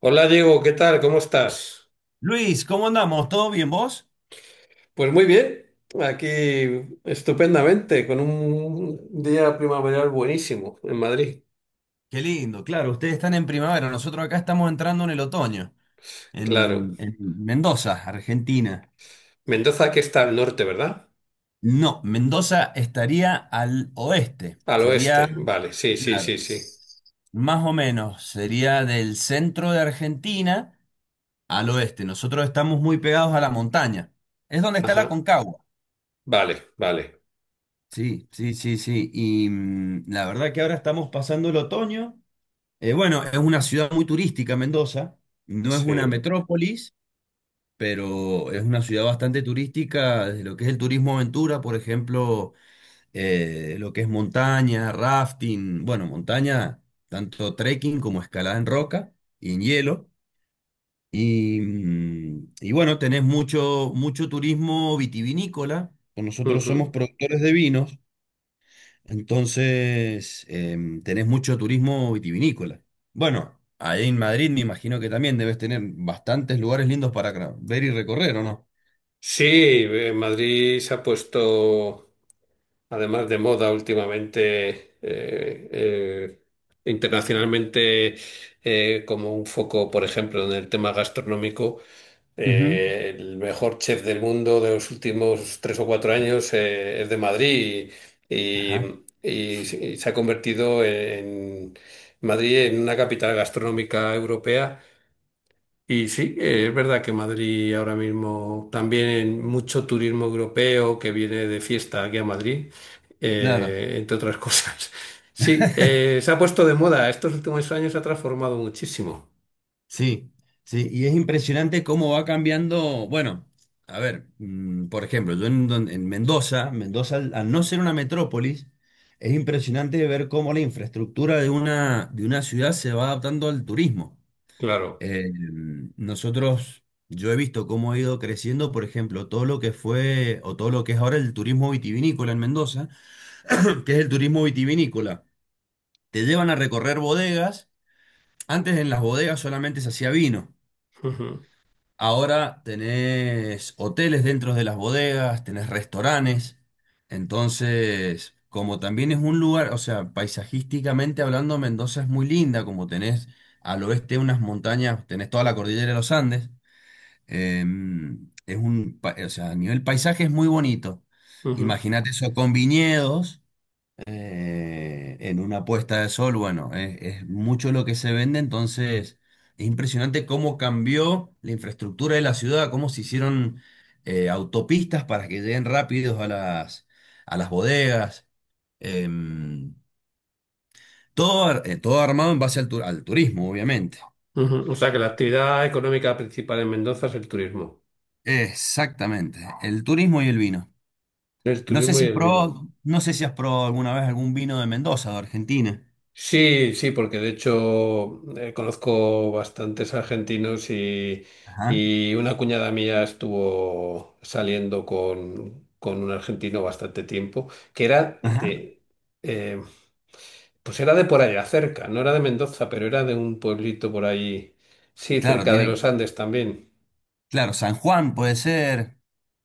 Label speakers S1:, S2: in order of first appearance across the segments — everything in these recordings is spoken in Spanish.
S1: Hola Diego, ¿qué tal? ¿Cómo estás?
S2: Luis, ¿cómo andamos? ¿Todo bien vos?
S1: Pues muy bien, aquí estupendamente, con un día primaveral buenísimo en Madrid,
S2: Qué lindo, claro, ustedes están en primavera, nosotros acá estamos entrando en el otoño,
S1: claro.
S2: en Mendoza, Argentina.
S1: Mendoza que está al norte, ¿verdad?
S2: No, Mendoza estaría al oeste,
S1: Al
S2: sería,
S1: oeste, vale, sí, sí,
S2: claro,
S1: sí, sí.
S2: más o menos, sería del centro de Argentina al oeste. Nosotros estamos muy pegados a la montaña, es donde está la
S1: Ajá,
S2: Concagua.
S1: vale, vale,
S2: Sí, sí, sí, sí. Y la verdad que ahora estamos pasando el otoño. Bueno, es una ciudad muy turística, Mendoza. No es una
S1: sí.
S2: metrópolis, pero es una ciudad bastante turística, desde lo que es el turismo aventura, por ejemplo, lo que es montaña, rafting, bueno, montaña, tanto trekking como escalada en roca y en hielo. Y, y bueno, tenés mucho turismo vitivinícola. Nosotros somos
S1: Ujú.
S2: productores de vinos. Entonces, tenés mucho turismo vitivinícola. Bueno, ahí en Madrid me imagino que también debes tener bastantes lugares lindos para ver y recorrer, ¿o no?
S1: Sí, Madrid se ha puesto además de moda últimamente, internacionalmente, como un foco, por ejemplo, en el tema gastronómico.
S2: Ujú.
S1: El mejor chef del mundo de los últimos 3 o 4 años es de Madrid y,
S2: Ajá,
S1: y- y se y se ha convertido en Madrid en una capital gastronómica europea. Y sí, es verdad que Madrid ahora mismo también mucho turismo europeo que viene de fiesta aquí a Madrid,
S2: claro,
S1: entre otras cosas. Sí, se ha puesto de moda. Estos últimos años se ha transformado muchísimo.
S2: sí, sí, y es impresionante cómo va cambiando, bueno, a ver, por ejemplo, en Mendoza, Mendoza al no ser una metrópolis, es impresionante ver cómo la infraestructura de una ciudad se va adaptando al turismo.
S1: Claro.
S2: Eh, Nosotros, yo he visto cómo ha ido creciendo, por ejemplo, todo lo que fue o todo lo que es ahora el turismo vitivinícola en Mendoza, que es el turismo vitivinícola. Te llevan a recorrer bodegas. Antes en las bodegas solamente se hacía vino.
S1: Ujú,
S2: Ahora tenés hoteles dentro de las bodegas, tenés restaurantes. Entonces, como también es un lugar, o sea, paisajísticamente hablando, Mendoza es muy linda, como tenés al oeste unas montañas, tenés toda la cordillera de los Andes. O sea, a nivel paisaje es muy bonito.
S1: ujú.
S2: Imagínate eso con viñedos, en una puesta de sol, bueno, es mucho lo que se vende, entonces es impresionante cómo cambió la infraestructura de la ciudad, cómo se hicieron autopistas para que lleguen rápidos a las bodegas. Em, Todo armado en base al turismo, obviamente.
S1: Ujú. O sea que la actividad económica principal en Mendoza es el turismo.
S2: Exactamente, el turismo y el vino.
S1: El
S2: No sé
S1: turismo y
S2: si
S1: el vino.
S2: probó, no sé si has probado alguna vez algún vino de Mendoza, de Argentina.
S1: Sí, sí, porque de hecho conozco bastantes argentinos y,
S2: Ajá,
S1: y una cuñada mía estuvo saliendo con un argentino bastante tiempo, que era
S2: ajá.
S1: de, eh, pues era de por allá cerca, no era de Mendoza, pero era de un pueblito por ahí, sí,
S2: Claro,
S1: cerca de
S2: tiene,
S1: los Andes también.
S2: claro, San Juan puede ser.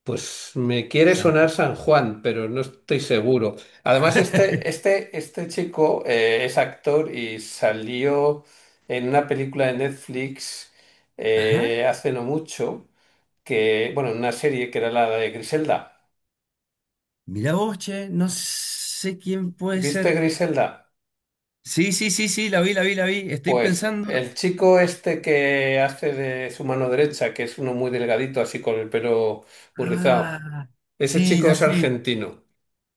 S1: Pues me quiere
S2: San-
S1: sonar San Juan, pero no estoy seguro. Además, este chico es actor y salió en una película de Netflix
S2: Ajá.
S1: hace no mucho, que, bueno, en una serie que era la de Griselda.
S2: Mirá vos, che, no sé quién puede
S1: ¿Viste
S2: ser.
S1: Griselda?
S2: Sí, sí, sí, sí, la vi, la vi, la vi. Estoy
S1: Pues
S2: pensando.
S1: el chico este que hace de su mano derecha, que es uno muy delgadito, así con el pelo muy rizado,
S2: Ah,
S1: ese
S2: sí,
S1: chico
S2: ya
S1: es
S2: sé.
S1: argentino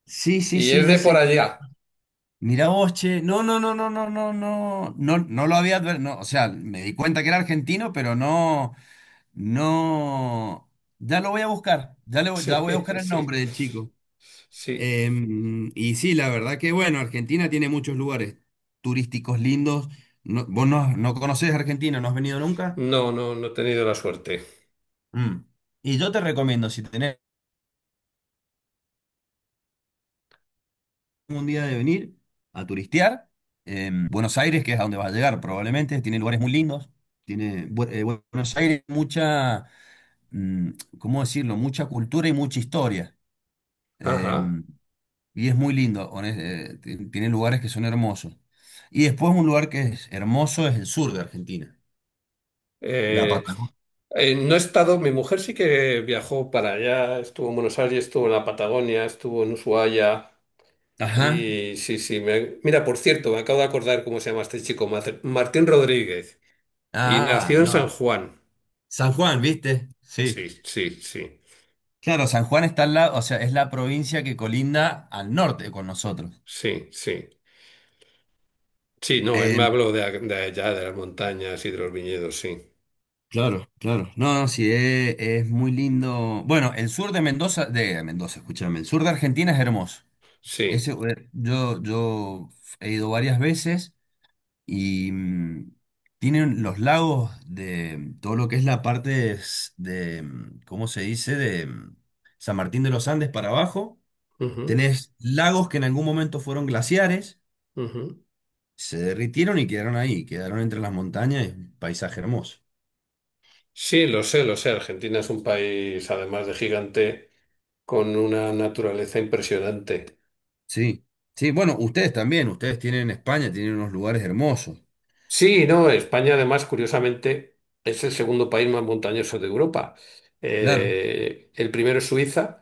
S2: Sí, sí,
S1: y
S2: sí,
S1: es
S2: ya
S1: de por
S2: sé.
S1: allá.
S2: Mirá vos, che. No, no, no, no, no, no, no. No, o sea, me di cuenta que era argentino, pero no. No, ya lo voy a buscar, ya voy a
S1: Sí,
S2: buscar el
S1: sí,
S2: nombre del chico.
S1: sí.
S2: Y sí, la verdad que bueno, Argentina tiene muchos lugares turísticos lindos. Vos no, no conocés Argentina, no has venido nunca.
S1: No, no, no he tenido la suerte.
S2: Mm. Y yo te recomiendo, si tenés un día de venir a turistear, Buenos Aires, que es a donde vas a llegar probablemente, tiene lugares muy lindos. Tiene, Bu- eh, Buenos Aires, mucha, mm, ¿cómo decirlo? Mucha cultura y mucha historia.
S1: Ajá.
S2: Em, Y es muy lindo, tiene lugares que son hermosos. Y después un lugar que es hermoso es el sur de Argentina, la
S1: Eh,
S2: Patagonia.
S1: no he estado, mi mujer sí que viajó para allá, estuvo en Buenos Aires, estuvo en la Patagonia, estuvo en Ushuaia
S2: Ajá.
S1: y sí, sí. Mira, por cierto, me acabo de acordar cómo se llama este chico, Martín Rodríguez, y
S2: Ah,
S1: nació en San
S2: no.
S1: Juan.
S2: San Juan, ¿viste? Sí.
S1: Sí, sí, sí,
S2: Claro, San Juan está al lado, o sea, es la provincia que colinda al norte con nosotros.
S1: sí, sí. Sí, no, él me
S2: Eh,
S1: habló de allá, de las montañas y de los viñedos, sí,
S2: claro, claro. No, no, sí, es muy lindo. Bueno, el sur de Mendoza, escúchame, el sur de Argentina es hermoso. Ese,
S1: sí.
S2: yo he ido varias veces. Y tienen los lagos de todo lo que es la parte s- de, mm, ¿cómo se dice? San Martín de los Andes para abajo.
S1: Ujú,
S2: Tenés lagos que en algún momento fueron glaciares,
S1: ujú.
S2: se derritieron y quedaron ahí, quedaron entre las montañas, y un paisaje hermoso.
S1: Sí, lo sé, lo sé. Argentina es un país, además de gigante, con una naturaleza impresionante.
S2: Sí, sí, bueno, ustedes también, ustedes tienen en España, tienen unos lugares hermosos,
S1: Sí, no, España, además, curiosamente, es el segundo país más montañoso de Europa.
S2: claro.
S1: El primero es Suiza,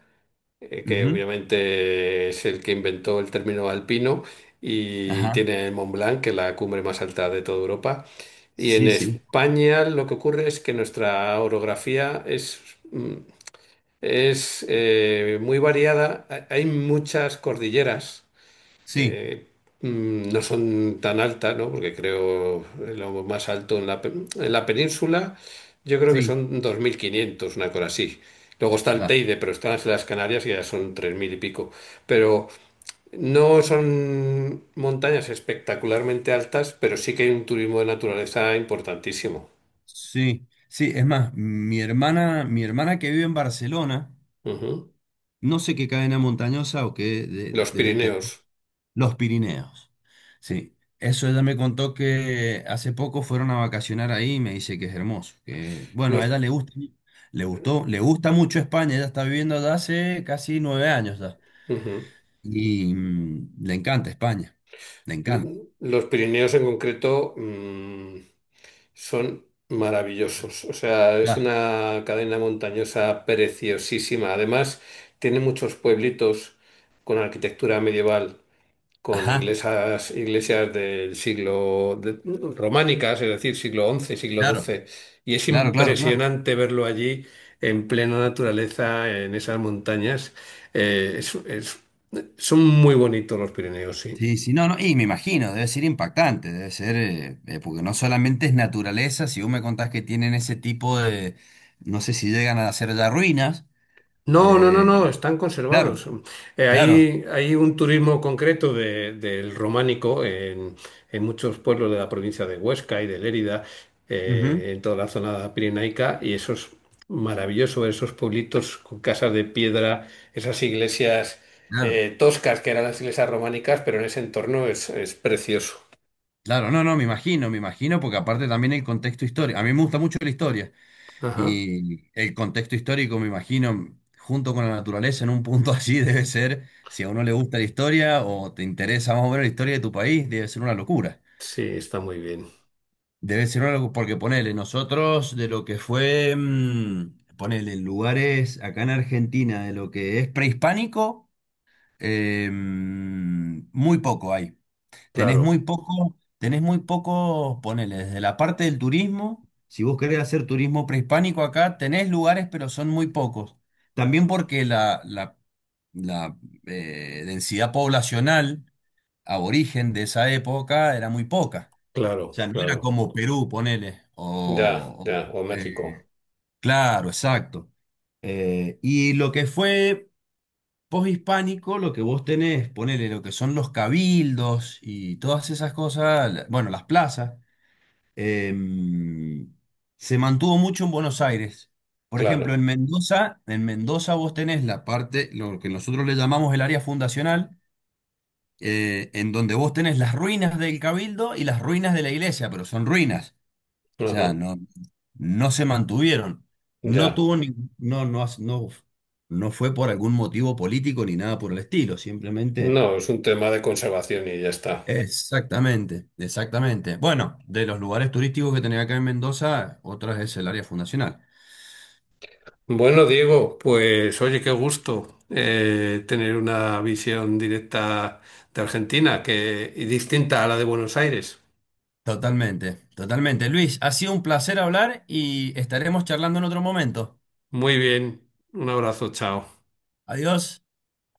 S1: que
S2: Ujú.
S1: obviamente es el que inventó el término alpino, y
S2: Ajá,
S1: tiene el Mont Blanc, que es la cumbre más alta de toda Europa. Y en
S2: sí, sí,
S1: España lo que ocurre es que nuestra orografía mm, Es muy variada. Hay muchas cordilleras.
S2: sí,
S1: eh, no son tan altas, ¿no? Porque creo lo más alto en la península, yo creo que
S2: sí,
S1: son 2.500 una cosa así. Luego está el
S2: claro.
S1: Teide, pero están las Canarias y ya son 3.000 y pico. Pero no son montañas espectacularmente altas, pero sí que hay un turismo de naturaleza importantísimo.
S2: Sí, sí, es más, mi hermana que vive en Barcelona,
S1: Ujú.
S2: no sé qué cadena montañosa o qué
S1: Los
S2: deben tener,
S1: Pirineos.
S2: los Pirineos. Sí, eso ella me contó que hace poco fueron a vacacionar ahí y me dice que es hermoso, que bueno, a
S1: Los,
S2: ella le gusta, le gustó, le gusta mucho España, ella está viviendo allá hace casi 9 años ya.
S1: Ujú.
S2: Y le encanta España, le encanta.
S1: Los Pirineos en concreto son maravillosos. O sea, es
S2: Claro.
S1: una cadena montañosa preciosísima. Además, tiene muchos pueblitos con arquitectura medieval, con
S2: Ajá,
S1: iglesias románicas, es decir, siglo XI, siglo
S2: claro,
S1: doce, Y es
S2: claro, claro, claro.
S1: impresionante verlo allí en plena naturaleza, en esas montañas. Eh, es- es- son muy bonitos los Pirineos, sí.
S2: Sí, sí, no, no, y me imagino, debe ser impactante, debe ser, porque no solamente es naturaleza, si vos me contás que tienen ese tipo de, no sé si llegan a hacer ya ruinas,
S1: No, no, no,
S2: eh,
S1: no, están conservados.
S2: claro,
S1: Eh,
S2: claro,
S1: hay, hay un turismo concreto del románico en, muchos pueblos de la provincia de Huesca y de Lérida,
S2: ujú,
S1: en toda la zona pirenaica, y eso es maravilloso, esos pueblitos con casas de piedra, esas iglesias
S2: claro,
S1: toscas que eran las iglesias románicas, pero en ese entorno es precioso.
S2: claro, no, no, me imagino, porque aparte también el contexto histórico, a mí me gusta mucho la historia,
S1: Ajá,
S2: y el contexto histórico, me imagino, junto con la naturaleza, en un punto así debe ser, si a uno le gusta la historia o te interesa más o menos la historia de tu país, debe ser una locura.
S1: sí, está muy bien.
S2: Debe ser algo, porque ponele, nosotros de lo que fue, ponele, en lugares acá en Argentina, de lo que es prehispánico, muy poco hay.
S1: Claro,
S2: Tenés muy poco, ponele, desde la parte del turismo, si vos querés hacer turismo prehispánico acá, tenés lugares, pero son muy pocos. También porque la densidad poblacional aborigen de esa época era muy poca. O
S1: claro,
S2: sea, no era
S1: claro.
S2: como Perú, ponele.
S1: Ya,
S2: O,
S1: ya, o
S2: o, eh,
S1: México,
S2: claro, exacto. Y lo que fue poshispánico, lo que vos tenés, ponele lo que son los cabildos y todas esas cosas, bueno, las plazas, em, se mantuvo mucho en Buenos Aires. Por ejemplo,
S1: claro.
S2: En Mendoza vos tenés la parte, lo que nosotros le llamamos el área fundacional, en donde vos tenés las ruinas del cabildo y las ruinas de la iglesia, pero son ruinas. O
S1: Ajá,
S2: sea, no, no se mantuvieron. No
S1: ya.
S2: tuvo ni- no, no, no, no fue por algún motivo político ni nada por el estilo,
S1: No,
S2: simplemente.
S1: es un tema de conservación y ya está.
S2: Exactamente, exactamente. Bueno, de los lugares turísticos que tenía acá en Mendoza, otra es el área fundacional.
S1: Bueno, Diego, pues oye, qué gusto tener una visión directa de Argentina que, y distinta a la de Buenos Aires.
S2: Totalmente, totalmente. Luis, ha sido un placer hablar y estaremos charlando en otro momento.
S1: Muy bien, un abrazo, chao.
S2: Adiós.